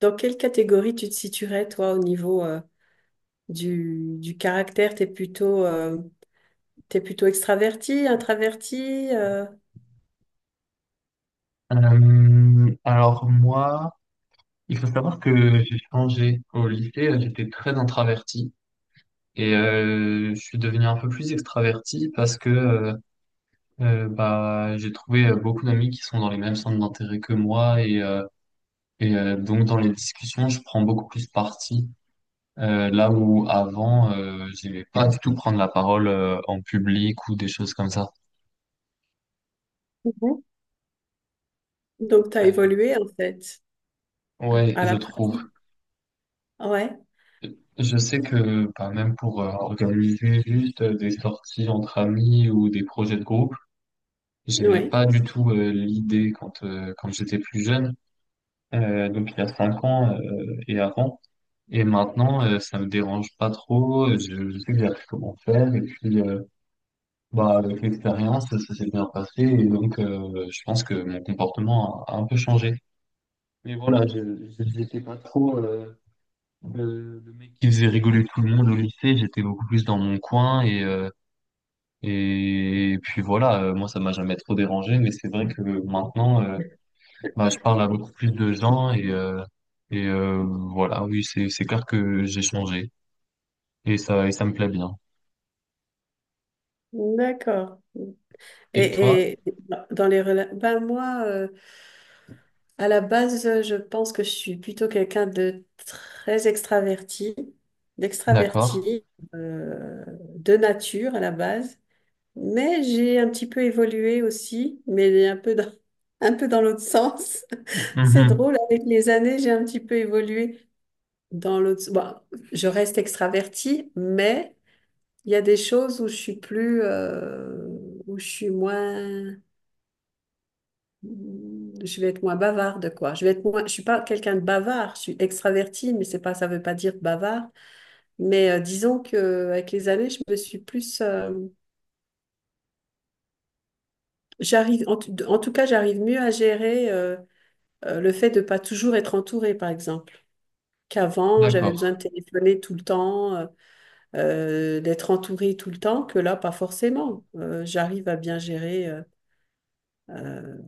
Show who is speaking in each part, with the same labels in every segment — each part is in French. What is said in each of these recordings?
Speaker 1: Dans quelle catégorie tu te situerais, toi, au niveau du caractère? T'es plutôt extraverti, introverti,
Speaker 2: Alors moi, il faut savoir que j'ai changé au lycée, j'étais très introverti et je suis devenu un peu plus extraverti parce que j'ai trouvé beaucoup d'amis qui sont dans les mêmes centres d'intérêt que moi et donc dans les discussions, je prends beaucoup plus parti. Là où avant, j'aimais pas du tout prendre la parole en public ou des choses comme ça.
Speaker 1: mhm, donc t'as
Speaker 2: Euh,
Speaker 1: évolué en fait
Speaker 2: ouais,
Speaker 1: à
Speaker 2: je
Speaker 1: la
Speaker 2: trouve.
Speaker 1: pratique. Ouais,
Speaker 2: Je sais que bah, même pour organiser juste des sorties entre amis ou des projets de groupe, j'aimais
Speaker 1: ouais,
Speaker 2: pas du tout l'idée quand j'étais plus jeune, donc il y a 5 ans et avant. Et maintenant, ça me dérange pas trop. Je sais que j'ai appris comment faire et puis bah avec l'expérience, ça s'est bien passé et donc je pense que mon comportement a un peu changé. Mais voilà, je n'étais pas trop le mec qui faisait rigoler tout le monde au lycée, j'étais beaucoup plus dans mon coin et puis voilà, moi ça m'a jamais trop dérangé, mais c'est vrai que maintenant je parle à beaucoup plus de gens et voilà, oui, c'est clair que j'ai changé et ça me plaît bien.
Speaker 1: d'accord.
Speaker 2: Et
Speaker 1: Et,
Speaker 2: toi?
Speaker 1: et dans les relations, ben moi, à la base, je pense que je suis plutôt quelqu'un de très extraverti,
Speaker 2: D'accord.
Speaker 1: d'extraverti, euh, de nature à la base. Mais j'ai un petit peu évolué aussi, mais un peu dans, un peu dans l'autre sens. C'est
Speaker 2: Mhm.
Speaker 1: drôle, avec les années, j'ai un petit peu évolué dans l'autre. Bon, je reste extravertie, mais il y a des choses où je suis plus, où je suis moins, je vais être moins bavarde, quoi. Je vais être moins, je suis pas quelqu'un de bavard. Je suis extravertie, mais c'est pas, ça veut pas dire bavard. Mais disons que avec les années, je me suis plus, j'arrive, en tout cas, j'arrive mieux à gérer le fait de pas toujours être entouré, par exemple. Qu'avant, j'avais
Speaker 2: D'accord.
Speaker 1: besoin de téléphoner tout le temps, d'être entouré tout le temps, que là, pas forcément. J'arrive à bien gérer euh,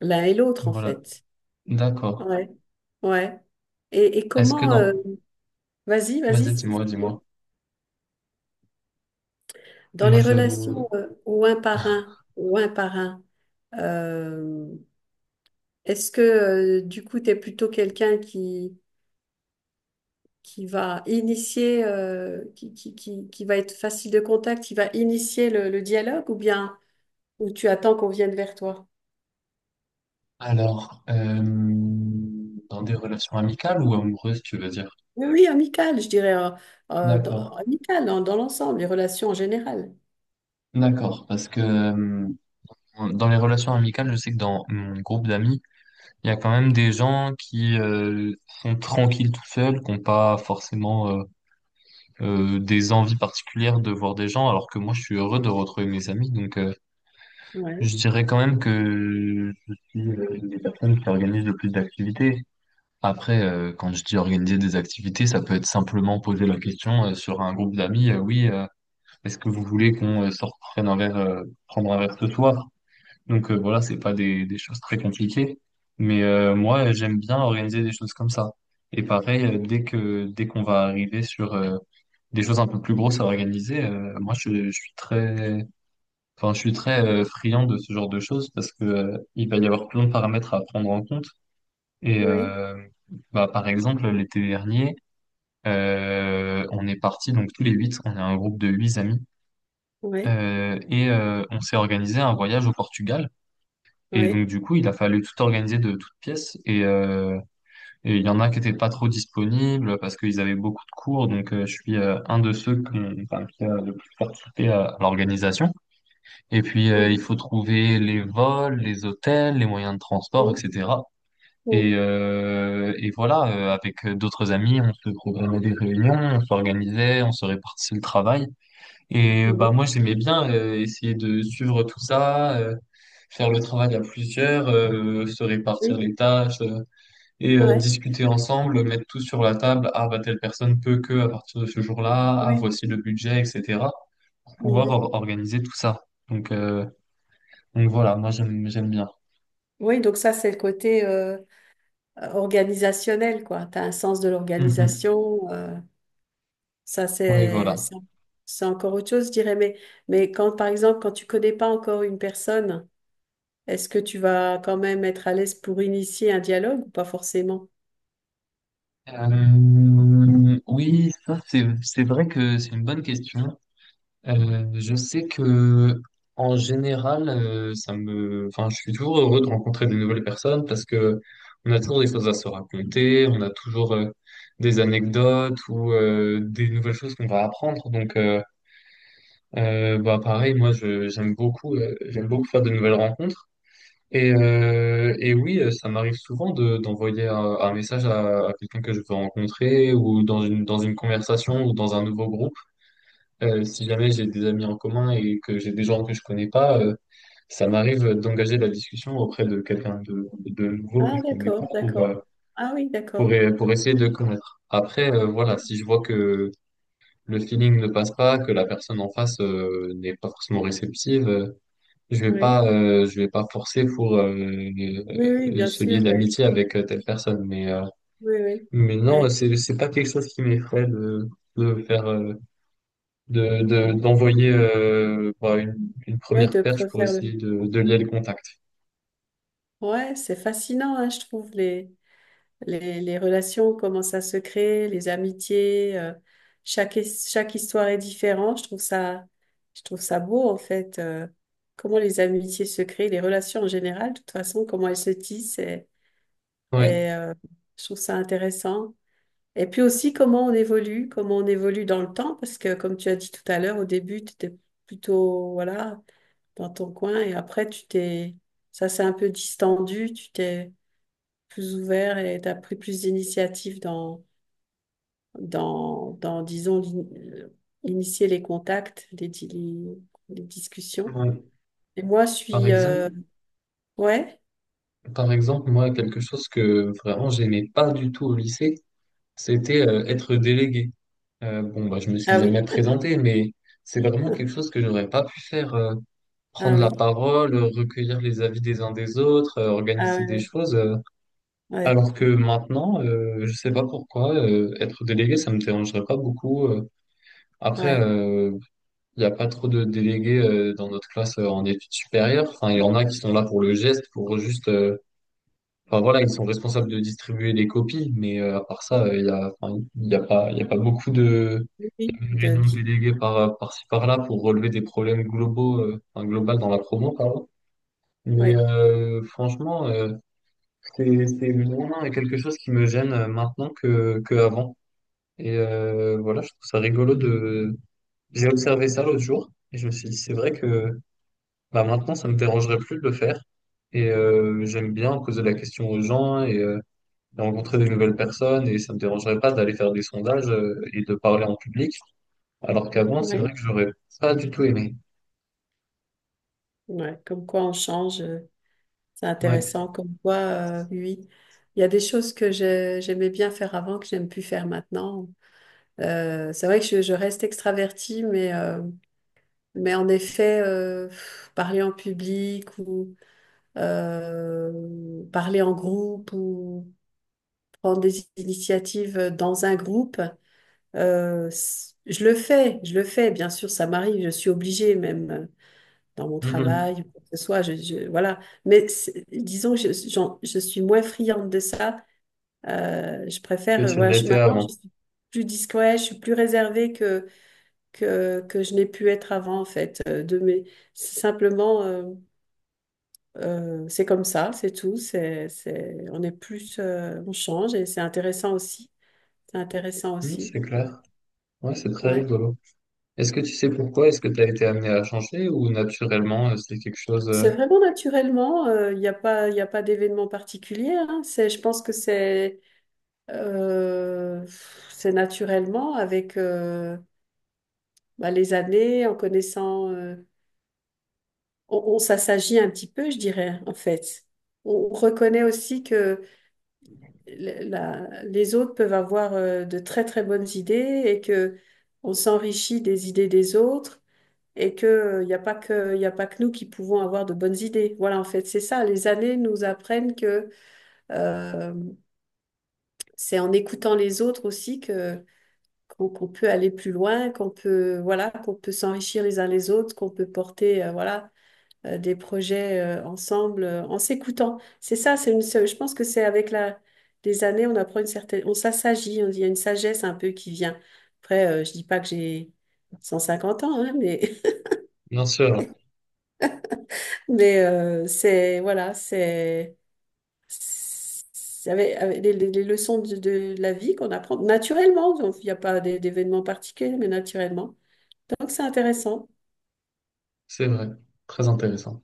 Speaker 1: l'un et l'autre, en
Speaker 2: Voilà.
Speaker 1: fait.
Speaker 2: D'accord.
Speaker 1: Ouais, ouais. Et
Speaker 2: Est-ce que
Speaker 1: comment...
Speaker 2: dans…
Speaker 1: vas-y,
Speaker 2: Vas-y,
Speaker 1: vas-y.
Speaker 2: dis-moi.
Speaker 1: Dans
Speaker 2: Moi,
Speaker 1: les
Speaker 2: je…
Speaker 1: relations ou un par un, ou un par un, euh, est-ce que du coup, tu es plutôt quelqu'un qui va initier, qui va être facile de contact, qui va initier le dialogue, ou bien ou tu attends qu'on vienne vers toi?
Speaker 2: Alors, dans des relations amicales ou amoureuses, tu veux dire?
Speaker 1: Oui, oui, amical, je dirais, dans,
Speaker 2: D'accord,
Speaker 1: amical dans, dans l'ensemble, les relations en général.
Speaker 2: d'accord, parce que dans les relations amicales, je sais que dans mon groupe d'amis, il y a quand même des gens qui sont tranquilles tout seuls, qui n'ont pas forcément des envies particulières de voir des gens, alors que moi, je suis heureux de retrouver mes amis. Donc,
Speaker 1: Ouais,
Speaker 2: je dirais quand même que je suis une des personnes qui organise le plus d'activités. Après, quand je dis organiser des activités, ça peut être simplement poser la question sur un groupe d'amis, oui. est-ce que vous voulez qu'on sorte prenne un verre, prendre un verre ce soir? Donc voilà, c'est pas des choses très compliquées. Mais moi, j'aime bien organiser des choses comme ça. Et pareil, dès qu'on va arriver sur des choses un peu plus grosses à organiser, moi je suis très, enfin je suis très friand de ce genre de choses parce que il va y avoir plein de paramètres à prendre en compte. Et
Speaker 1: oui,
Speaker 2: euh, bah par exemple l'été dernier, on est parti donc tous les 8, on est un groupe de 8 amis
Speaker 1: oui,
Speaker 2: et on s'est organisé un voyage au Portugal. Et donc,
Speaker 1: oui.
Speaker 2: du coup, il a fallu tout organiser de toutes pièces. Et il y en a qui étaient pas trop disponibles parce qu'ils avaient beaucoup de cours. Donc, je suis un de ceux qui, qui a le plus participé à l'organisation. Et puis, il
Speaker 1: Mhm,
Speaker 2: faut trouver les vols, les hôtels, les moyens de transport,
Speaker 1: mhm,
Speaker 2: etc.
Speaker 1: mhm,
Speaker 2: Et voilà, avec d'autres amis, on se programmait des réunions, on s'organisait, on se répartissait le travail. Et
Speaker 1: mhm.
Speaker 2: moi j'aimais bien essayer de suivre tout ça, faire le travail à plusieurs, se
Speaker 1: Oui,
Speaker 2: répartir les tâches et
Speaker 1: ouais,
Speaker 2: discuter ensemble, mettre tout sur la table. Ah bah telle personne peut que à partir de ce jour-là, ah
Speaker 1: ouais.
Speaker 2: voici le budget, etc. pour pouvoir
Speaker 1: Mhm.
Speaker 2: organiser tout ça. Donc euh, donc voilà, moi j'aime bien.
Speaker 1: Oui, donc ça, c'est le côté organisationnel, quoi. Tu as un sens de
Speaker 2: Mhm.
Speaker 1: l'organisation. Ça,
Speaker 2: Oui
Speaker 1: c'est,
Speaker 2: voilà.
Speaker 1: c'est c'est encore autre chose, je dirais. Mais quand, par exemple, quand tu connais pas encore une personne, est-ce que tu vas quand même être à l'aise pour initier un dialogue, ou pas forcément?
Speaker 2: Oui ça c'est vrai que c'est une bonne question. Je sais que en général, ça me, enfin, je suis toujours heureux de rencontrer de nouvelles personnes parce que on a toujours des choses à se raconter, on a toujours des anecdotes ou des nouvelles choses qu'on va apprendre. Donc, pareil, moi, je, j'aime beaucoup faire de nouvelles rencontres. Et oui, ça m'arrive souvent de, d'envoyer un message à quelqu'un que je veux rencontrer ou dans une conversation ou dans un nouveau groupe. Si jamais j'ai des amis en commun et que j'ai des gens que je connais pas, ça m'arrive d'engager la discussion auprès de quelqu'un de nouveau que
Speaker 1: Ah,
Speaker 2: je connais pas
Speaker 1: d'accord,
Speaker 2: pour, euh,
Speaker 1: d'accord. Ah oui,
Speaker 2: pour,
Speaker 1: d'accord.
Speaker 2: e- pour essayer de connaître. Après, voilà, si
Speaker 1: Oui,
Speaker 2: je vois que le feeling ne passe pas, que la personne en face, n'est pas forcément réceptive,
Speaker 1: oui,
Speaker 2: je vais pas forcer pour,
Speaker 1: oui, bien
Speaker 2: se lier
Speaker 1: sûr, ouais.
Speaker 2: d'amitié avec telle personne.
Speaker 1: Oui, oui,
Speaker 2: Mais non,
Speaker 1: ouais.
Speaker 2: c'est pas quelque chose qui m'effraie de faire, d'envoyer une
Speaker 1: Ouais,
Speaker 2: première
Speaker 1: de
Speaker 2: perche pour
Speaker 1: préférer le...
Speaker 2: essayer de lier le contact.
Speaker 1: Ouais, c'est fascinant, hein, je trouve, les relations, comment ça se crée, les amitiés, chaque histoire est différente. Je trouve ça beau, en fait, comment les amitiés se créent, les relations en général, de toute façon, comment elles se tissent.
Speaker 2: Ouais.
Speaker 1: Et, euh, je trouve ça intéressant. Et puis aussi, comment on évolue dans le temps, parce que comme tu as dit tout à l'heure, au début, tu étais plutôt, voilà, dans ton coin, et après, ça s'est un peu distendu, tu t'es plus ouvert et tu as pris plus d'initiatives dans, disons, euh, initier les contacts, les discussions.
Speaker 2: Ouais.
Speaker 1: Et moi, je
Speaker 2: Par
Speaker 1: suis...
Speaker 2: exemple,
Speaker 1: ouais?
Speaker 2: par exemple, moi, quelque chose que vraiment j'aimais pas du tout au lycée, c'était être délégué. Bon, je me suis
Speaker 1: Ah
Speaker 2: jamais
Speaker 1: oui,
Speaker 2: présenté, mais c'est vraiment quelque chose que j'aurais pas pu faire.
Speaker 1: ah
Speaker 2: Prendre la
Speaker 1: oui,
Speaker 2: parole, recueillir les avis des uns des autres,
Speaker 1: ah
Speaker 2: organiser des
Speaker 1: oui.
Speaker 2: choses.
Speaker 1: Ouais,
Speaker 2: Alors que maintenant, je sais pas pourquoi, être délégué, ça me dérangerait pas beaucoup.
Speaker 1: ouais,
Speaker 2: Après,
Speaker 1: ouais.
Speaker 2: euh, Il n'y a pas trop de délégués dans notre classe en études supérieures. Enfin, il y en a qui sont là pour le geste, pour juste. Enfin voilà, ils sont responsables de distribuer les copies, mais à part ça, il y a pas, il y a pas beaucoup de
Speaker 1: Oui,
Speaker 2: il
Speaker 1: oui,
Speaker 2: y a une réunion déléguée par par-ci par-là pour relever des problèmes globaux, enfin global dans la promo, pardon. Mais
Speaker 1: ouais,
Speaker 2: franchement, c'est vraiment quelque chose qui me gêne maintenant que avant. Voilà, je trouve ça rigolo de. J'ai observé ça l'autre jour et je me suis dit c'est vrai que bah maintenant, ça me dérangerait plus de le faire. J'aime bien poser la question aux gens et rencontrer des nouvelles personnes. Et ça me dérangerait pas d'aller faire des sondages et de parler en public. Alors qu'avant, c'est
Speaker 1: ouais,
Speaker 2: vrai que j'aurais pas du tout aimé.
Speaker 1: ouais. Comme quoi on change, c'est
Speaker 2: Ouais.
Speaker 1: intéressant. Comme quoi, oui, il y a des choses que j'aimais bien faire avant, que j'aime plus faire maintenant. C'est vrai que je reste extravertie, mais en effet, parler en public ou parler en groupe ou prendre des initiatives dans un groupe. Je le fais, bien sûr, ça m'arrive, je suis obligée même dans mon travail,
Speaker 2: Mhm.
Speaker 1: ou quoi que ce soit, voilà. Mais c'est- disons que je suis moins friande de ça. Je
Speaker 2: Que
Speaker 1: préfère,
Speaker 2: tu ne
Speaker 1: voilà, je,
Speaker 2: l'étais
Speaker 1: maintenant, je
Speaker 2: avant.
Speaker 1: suis plus discrète, je suis plus réservée que, que je n'ai pu être avant, en fait. De mes, c'est simplement... c'est comme ça, c'est tout. C'est, on est plus, on change et c'est intéressant aussi. C'est intéressant
Speaker 2: Mhm,
Speaker 1: aussi.
Speaker 2: c'est
Speaker 1: Ouais.
Speaker 2: clair. Ouais, c'est très
Speaker 1: Ouais.
Speaker 2: rigolo. Est-ce que tu sais pourquoi? Est-ce que tu as été amené à changer ou naturellement, c'est quelque chose…
Speaker 1: C'est vraiment naturellement. Il n'y a pas, il a pas d'événement particulier, hein. C'est, je pense que euh, c'est naturellement avec bah, les années, en connaissant, on s'assagit un petit peu, je dirais, en fait. On reconnaît aussi que la- les autres peuvent avoir de très très bonnes idées, et que on s'enrichit des idées des autres, et que il n'y a pas que il a pas que nous qui pouvons avoir de bonnes idées. Voilà, en fait, c'est ça. Les années nous apprennent que euh, c'est en écoutant les autres aussi que qu'on qu'on peut aller plus loin, qu'on peut voilà, qu'on peut s'enrichir les uns les autres, qu'on peut porter voilà des projets ensemble en s'écoutant. C'est ça, je pense que c'est avec la, les années, on apprend une certaine, on ça s'agit, on dit, il y a une sagesse un peu qui vient. Après, je dis pas que j'ai 150 ans, hein, mais,
Speaker 2: Bien sûr, hein.
Speaker 1: mais c'est, voilà, c'est avec, avec les leçons de la vie qu'on apprend naturellement. Donc, il n'y a pas d'événements particuliers, mais naturellement. Donc, c'est intéressant.
Speaker 2: C'est vrai. Très intéressant.